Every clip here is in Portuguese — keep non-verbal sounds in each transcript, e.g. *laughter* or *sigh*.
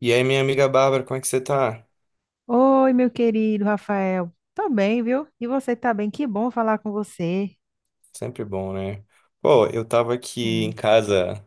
E aí, minha amiga Bárbara, como é que você tá? Oi, meu querido Rafael. Tô bem, viu? E você tá bem? Que bom falar com você. Sempre bom, né? Pô, eu tava aqui em Hum, casa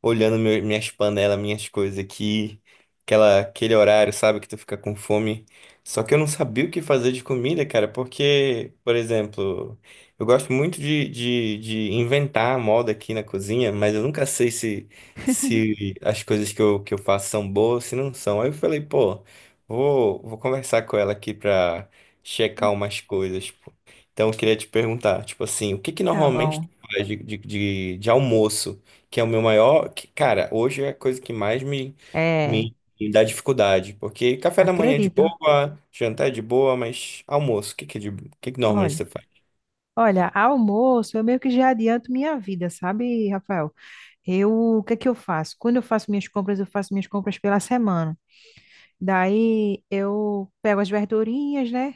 olhando minhas panelas, minhas coisas aqui, aquele horário, sabe, que tu fica com fome. Só que eu não sabia o que fazer de comida, cara, porque, por exemplo, eu gosto muito de inventar a moda aqui na cozinha, mas eu nunca sei se as coisas que que eu faço são boas, se não são. Aí eu falei, pô, vou conversar com ela aqui pra checar umas coisas, pô. Então eu queria te perguntar, tipo assim, o que que tá normalmente bom. tu faz de, de almoço? Que é o meu maior, que, cara, hoje é a coisa que mais É, me dá dificuldade, porque café da manhã é de acredito. boa, jantar é de boa, mas almoço, o que que é de, o que que normalmente Olha, você faz? olha, almoço, eu meio que já adianto minha vida, sabe, Rafael? Eu, o que é que eu faço? Quando eu faço minhas compras, eu faço minhas compras pela semana. Daí eu pego as verdurinhas, né?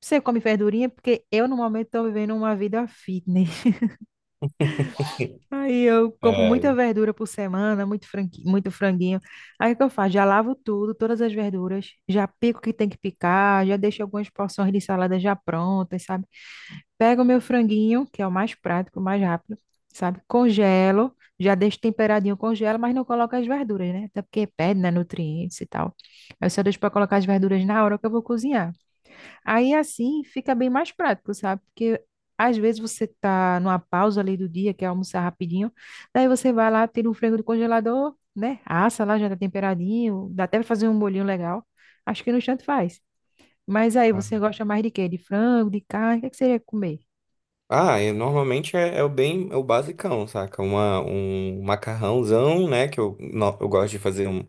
Você come verdurinha porque eu normalmente tô vivendo uma vida fitness. Aí eu compro É, muita verdura por semana, muito franguinho. Aí o que eu faço? Já lavo tudo, todas as verduras, já pico o que tem que picar, já deixo algumas porções de salada já prontas, sabe? Pego o meu franguinho, que é o mais prático, o mais rápido, sabe? Congelo, já deixo temperadinho, congelo, mas não coloco as verduras, né? Até porque perde, né, nutrientes e tal. Aí eu só deixo para colocar as verduras na hora que eu vou cozinhar. Aí assim fica bem mais prático, sabe? Porque às vezes você tá numa pausa ali do dia, quer almoçar rapidinho, daí você vai lá, tira um frango do congelador, né? Assa lá, já tá temperadinho, dá até pra fazer um bolinho legal. Acho que no instante faz. Mas aí você gosta mais de quê? De frango, de carne? O que é que você ia comer? ah, eu normalmente é o bem, é o basicão, saca? Um macarrãozão, né? Que eu, eu gosto de fazer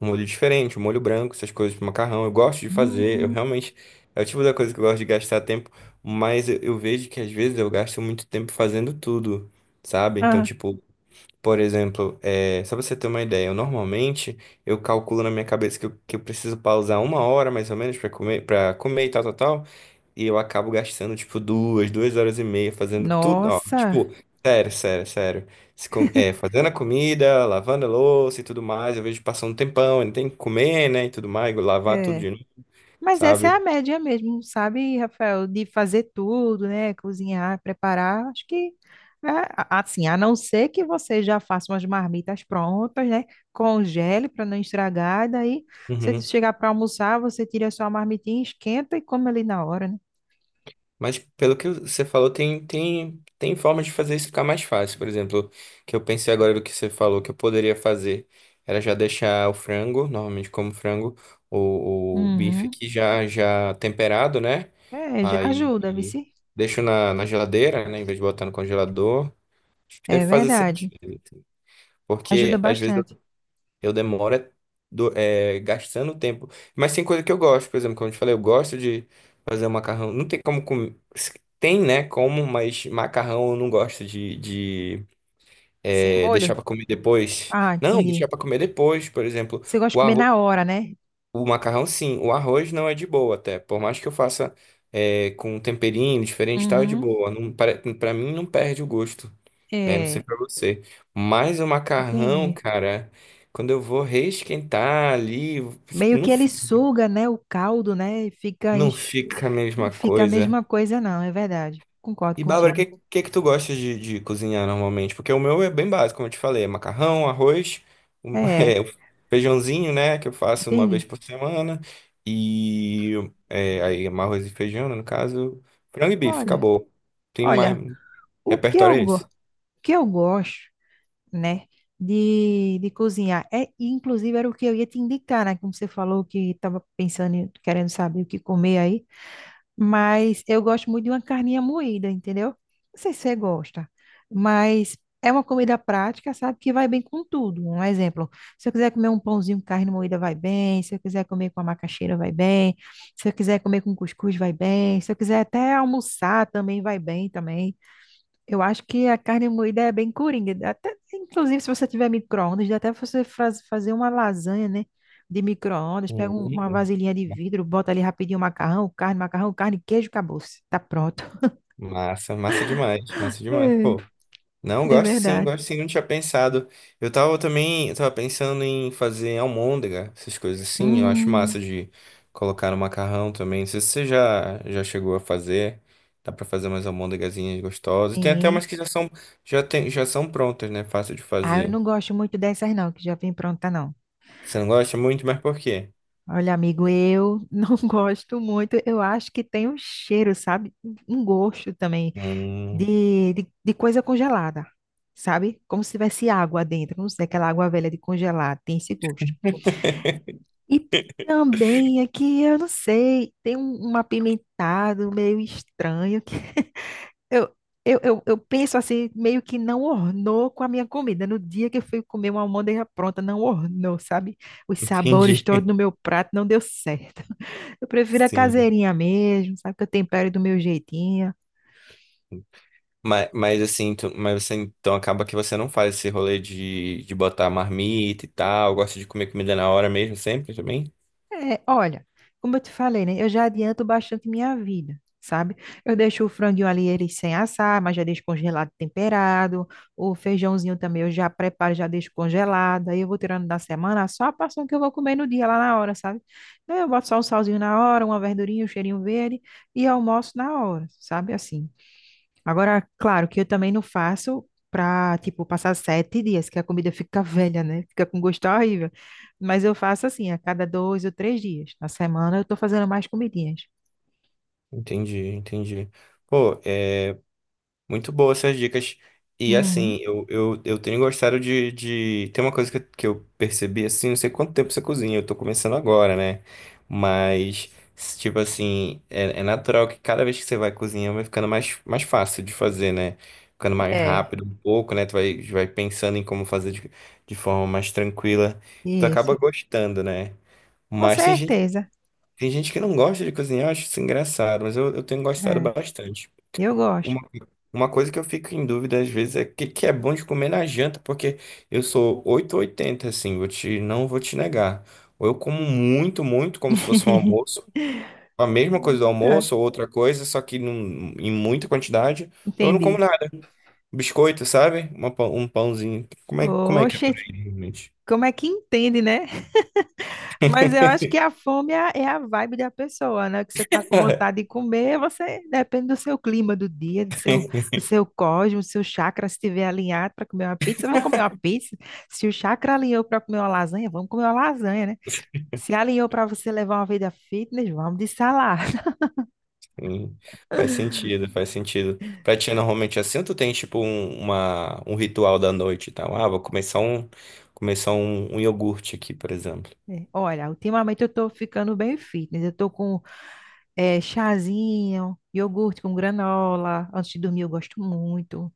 um molho diferente, um molho branco, essas coisas pro macarrão. Eu gosto de fazer, eu Hum. realmente, é o tipo da coisa que eu gosto de gastar tempo, mas eu vejo que às vezes eu gasto muito tempo fazendo tudo, sabe? Então, Ah, tipo, por exemplo, é, só pra você ter uma ideia, eu normalmente eu calculo na minha cabeça que que eu preciso pausar uma hora mais ou menos pra comer, para comer e tal, tal, tal, e eu acabo gastando tipo duas horas e meia fazendo tudo, ó, nossa! tipo, sério, Se com- é, fazendo a comida, lavando a louça e tudo mais, eu vejo passando um tempão, ainda tem que comer, né, e tudo mais, lavar tudo É. de novo, Mas essa é a sabe? média mesmo, sabe, Rafael? De fazer tudo, né? Cozinhar, preparar. Acho que, assim, a não ser que você já faça umas marmitas prontas, né? Congele para não estragar, e daí você Uhum. chegar para almoçar, você tira a sua marmitinha, esquenta e come ali na hora, né? Mas pelo que você falou, tem, tem formas de fazer isso ficar mais fácil. Por exemplo, que eu pensei agora do que você falou que eu poderia fazer era já deixar o frango, normalmente como frango, o bife Uhum. aqui já, já temperado, né? É, já ajuda, Aí vice. deixo na, na geladeira, né? Em vez de botar no congelador. Acho que É deve fazer sentido, verdade. assim. Ajuda Porque às vezes bastante. eu demoro é gastando tempo. Mas tem coisa que eu gosto, por exemplo, como eu te falei, eu gosto de fazer um macarrão. Não tem como comer. Tem, né? Como, mas macarrão eu não gosto Sem é, deixar molho? pra comer depois. Ah, Não, deixar entendi. pra comer depois, por exemplo. Você gosta de O comer arroz, na hora, né? o macarrão, sim. O arroz não é de boa até. Por mais que eu faça é, com um temperinho diferente, e tal, é de Uhum. boa. Não, para, pra mim não perde o gosto, né? Não sei É, pra você. Mas o macarrão, entendi. cara, quando eu vou reesquentar ali, tipo, Meio não que ele fica, suga, né, o caldo, né, e fica, não fica a mesma não fica a coisa. mesma coisa, não, é verdade. Concordo E Bárbara, o contigo. que, que tu gosta de cozinhar normalmente? Porque o meu é bem básico, como eu te falei, é macarrão, arroz, *laughs* É, é, o feijãozinho, né, que eu faço uma vez entendi. por semana, e é, aí é arroz e feijão, né, no caso, frango e bife, Olha, acabou. Tem mais olha, repertório é o esse? que eu gosto, né, de cozinhar, é, inclusive era o que eu ia te indicar, né, como você falou que estava pensando, em- querendo saber o que comer aí. Mas eu gosto muito de uma carninha moída, entendeu? Não sei se você gosta, mas é uma comida prática, sabe? Que vai bem com tudo. Um exemplo, se eu quiser comer um pãozinho com carne moída, vai bem. Se eu quiser comer com a macaxeira, vai bem. Se eu quiser comer com cuscuz, vai bem. Se eu quiser até almoçar, também vai bem também. Eu acho que a carne moída é bem coringa. Até, inclusive, se você tiver micro-ondas, dá até você fazer uma lasanha, né? De micro-ondas, pega uma Hum. vasilhinha de vidro, bota ali rapidinho macarrão, carne, queijo, acabou-se. Tá pronto. Massa, massa *laughs* demais, pô. Não, É, é verdade. gosto sim, não tinha pensado. Eu tava também, eu tava pensando em fazer almôndega, essas coisas assim. Eu acho Hum, massa de colocar no macarrão também. Não sei se você já chegou a fazer. Dá pra fazer umas almôndegazinhas gostosas. Tem até sim. umas que já são, já tem, já são prontas, né? Fácil de Ah, eu fazer. não gosto muito dessas, não, que já vem pronta, não. Você não gosta muito, mas por quê? Olha, amigo, eu *laughs* não gosto muito. Eu acho que tem um cheiro, sabe? Um gosto também, Hum, de coisa congelada, sabe? Como se tivesse água dentro, não sei, aquela água velha de congelar, tem esse gosto. *laughs* E também aqui, eu não sei, tem um apimentado meio estranho que *laughs* eu, eu penso assim, meio que não ornou com a minha comida. No dia que eu fui comer uma almôndega pronta, não ornou, sabe? Os sabores entendi. todos no *laughs* meu prato não deu certo. *laughs* Eu prefiro a Sim. caseirinha mesmo, sabe? Que eu tempero do meu jeitinho. Mas assim, mas você então acaba que você não faz esse rolê de botar marmita e tal, gosta de comer comida na hora mesmo, sempre também? É, olha, como eu te falei, né? Eu já adianto bastante minha vida, sabe? Eu deixo o franguinho ali ele sem assar, mas já deixo congelado, temperado. O feijãozinho também eu já preparo, já deixo congelado. Aí eu vou tirando da semana só a porção que eu vou comer no dia lá na hora, sabe? Aí eu boto só um salzinho na hora, uma verdurinha, um cheirinho verde e almoço na hora, sabe? Assim. Agora, claro que eu também não faço pra, tipo, passar 7 dias, que a comida fica *laughs* velha, né? Fica com gosto horrível. Mas eu faço assim, a cada 2 ou 3 dias. Na semana eu tô fazendo mais comidinhas. Entendi, entendi. Pô, é, muito boa essas dicas. E Hum. assim, eu tenho gostado de, de. Tem uma coisa que, que eu percebi assim, não sei quanto tempo você cozinha, eu tô começando agora, né? Mas, tipo assim, é, é natural que cada vez que você vai cozinhando vai ficando mais, mais fácil de fazer, né? Ficando mais É, rápido um pouco, né? Tu vai, vai pensando em como fazer de forma mais tranquila. Tu acaba isso. gostando, né? Com Mas certeza. tem gente que não gosta de cozinhar, eu acho isso engraçado, mas eu tenho gostado É, bastante. eu gosto. Uma, uma coisa que eu fico em dúvida às vezes é o que, que é bom de comer na janta, porque eu sou oito ou oitenta assim, vou te, não vou te negar. Ou eu como muito, como se fosse um almoço, a mesma coisa do Eita, almoço, ou outra coisa, só que em muita quantidade, ou eu não como entendi. nada. Biscoito, sabe? Um pãozinho. Como é que é por Oxe, aí, realmente? como é que entende, né? Mas eu acho que a fome é a vibe da pessoa, né? Que você tá com *laughs* vontade de comer, você depende do seu clima do dia, do seu cosmos, do seu chakra, se estiver alinhado para comer uma pizza, vamos comer uma pizza. Se o chakra alinhou para comer uma lasanha, vamos comer uma lasanha, né? Se alinhou para você levar uma vida fitness, vamos de salada. *laughs* Sim, faz sentido, faz sentido. Pra ti, normalmente é assim, ou tu tem tipo um ritual da noite e tal? Ah, vou começar começar um, um iogurte aqui, por exemplo. É, olha, ultimamente eu tô ficando bem fitness. Eu tô com chazinho, iogurte com granola. Antes de dormir eu gosto muito.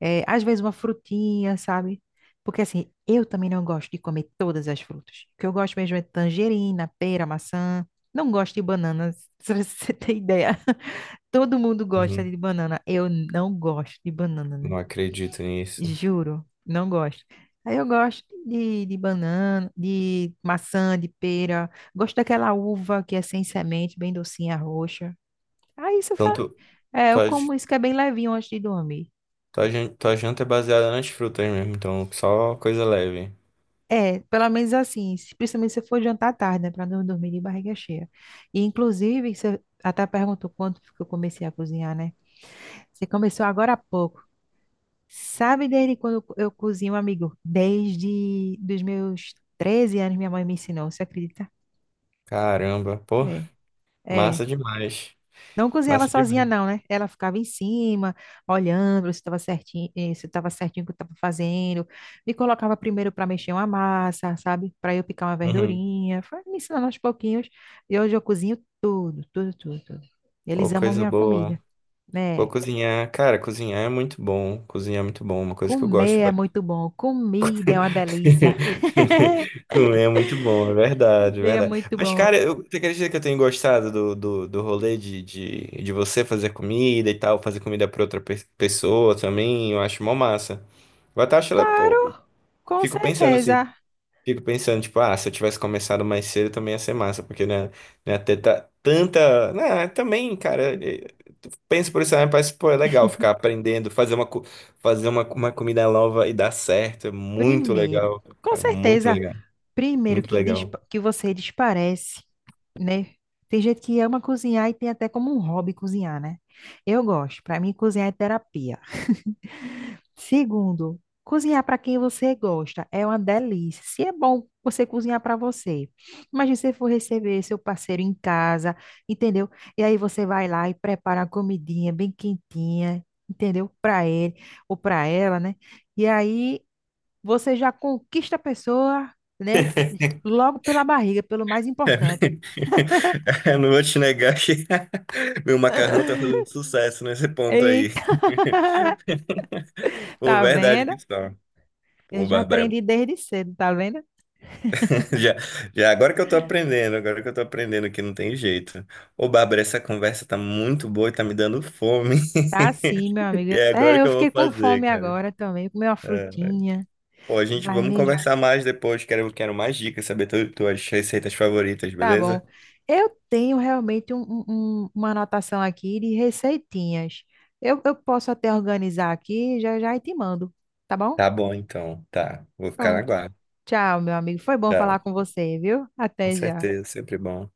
É, às vezes uma frutinha, sabe? Porque assim, eu também não gosto de comer todas as frutas. O que eu gosto mesmo é tangerina, pera, maçã. Não gosto de banana, *laughs* se você tem ideia. *laughs* Todo mundo gosta Uhum. de banana. Eu não gosto de banana, né? Não acredito nisso. Juro, não gosto. Aí eu gosto de banana, de maçã, de pera. Gosto daquela uva que é sem semente, bem docinha, roxa. Aí isso fa... Então, tu, é, eu tua, j- como isso que é bem levinho antes de dormir. Tua janta é baseada nas frutas mesmo, então só coisa leve. É, pelo menos assim, principalmente se for jantar tarde, né, para não dormir de barriga cheia. E inclusive, você até perguntou quanto que eu comecei a cozinhar, né? Você começou agora há pouco. Sabe desde quando eu cozinho, amigo? Desde dos meus 13 anos minha mãe me ensinou, você acredita? Caramba, pô, É. É, massa demais. não cozinhava Massa sozinha, demais. não, né? Ela ficava em cima, olhando se estava certinho, se estava certinho o que eu estava fazendo. Me colocava primeiro para mexer uma massa, sabe? Para eu picar uma Uhum. verdurinha. Foi me ensinando aos pouquinhos. E hoje eu cozinho tudo, tudo, tudo, tudo. Eles Pô, amam coisa minha comida, boa. Pô, né? cozinhar, cara, cozinhar é muito bom. Cozinhar é muito bom, uma coisa que eu gosto. Comer é muito bom. *laughs* Comida é uma delícia. Comer é muito bom, é *laughs* verdade, é Comer é verdade. muito Mas, cara, bom. eu, você acredita que eu tenho gostado do rolê de você fazer comida e tal, fazer comida pra outra pessoa também? Eu acho mó massa. Eu até acho, pô, eu Claro, com fico pensando assim, certeza. fico pensando, tipo, ah, se eu tivesse começado mais cedo também ia ser massa, porque, né, né, ter tanta. Né, também, cara penso por isso, né? Parece, pô, é legal ficar aprendendo, fazer fazer uma comida nova e dar certo. É muito Primeiro, legal, com cara. Certeza, primeiro Muito que, legal. Que você desparece, né? Tem gente que ama cozinhar e tem até como um hobby cozinhar, né? Eu gosto, para mim cozinhar é terapia. Segundo, cozinhar para quem você gosta é uma delícia. Se é bom você cozinhar para você, imagina se você for receber seu parceiro em casa, entendeu? E aí você vai lá e prepara uma comidinha bem quentinha, entendeu? Para ele ou para ela, né? E aí você já conquista a pessoa, né? Logo pela barriga, pelo mais importante. *laughs* Eu não vou te negar que *laughs* meu macarrão tá fazendo sucesso nesse ponto aí. Eita! *laughs* *laughs* Pô, Tá verdade que vendo? está. Eu Pô, já Bárbara. aprendi desde cedo, tá vendo? *laughs* Já, já agora que eu tô aprendendo, agora que eu tô aprendendo que não tem jeito. Ô, Bárbara, essa conversa tá muito boa e tá me dando fome. *laughs* Tá assim, meu amigo. E é Até agora que eu eu vou fiquei com fazer, fome cara. agora também. Comer uma É. frutinha. Pô, a gente Vai vamos mesmo? conversar mais depois. Quero, quero mais dicas, saber tu, tuas receitas favoritas, Tá beleza? bom. Eu tenho realmente uma anotação aqui de receitinhas. Eu posso até organizar aqui, já já e te mando. Tá bom? Tá bom, então. Tá. Vou ficar na Pronto. guarda. Tchau, meu amigo. Foi bom Tá. falar com você, viu? Com Até já. certeza, sempre bom.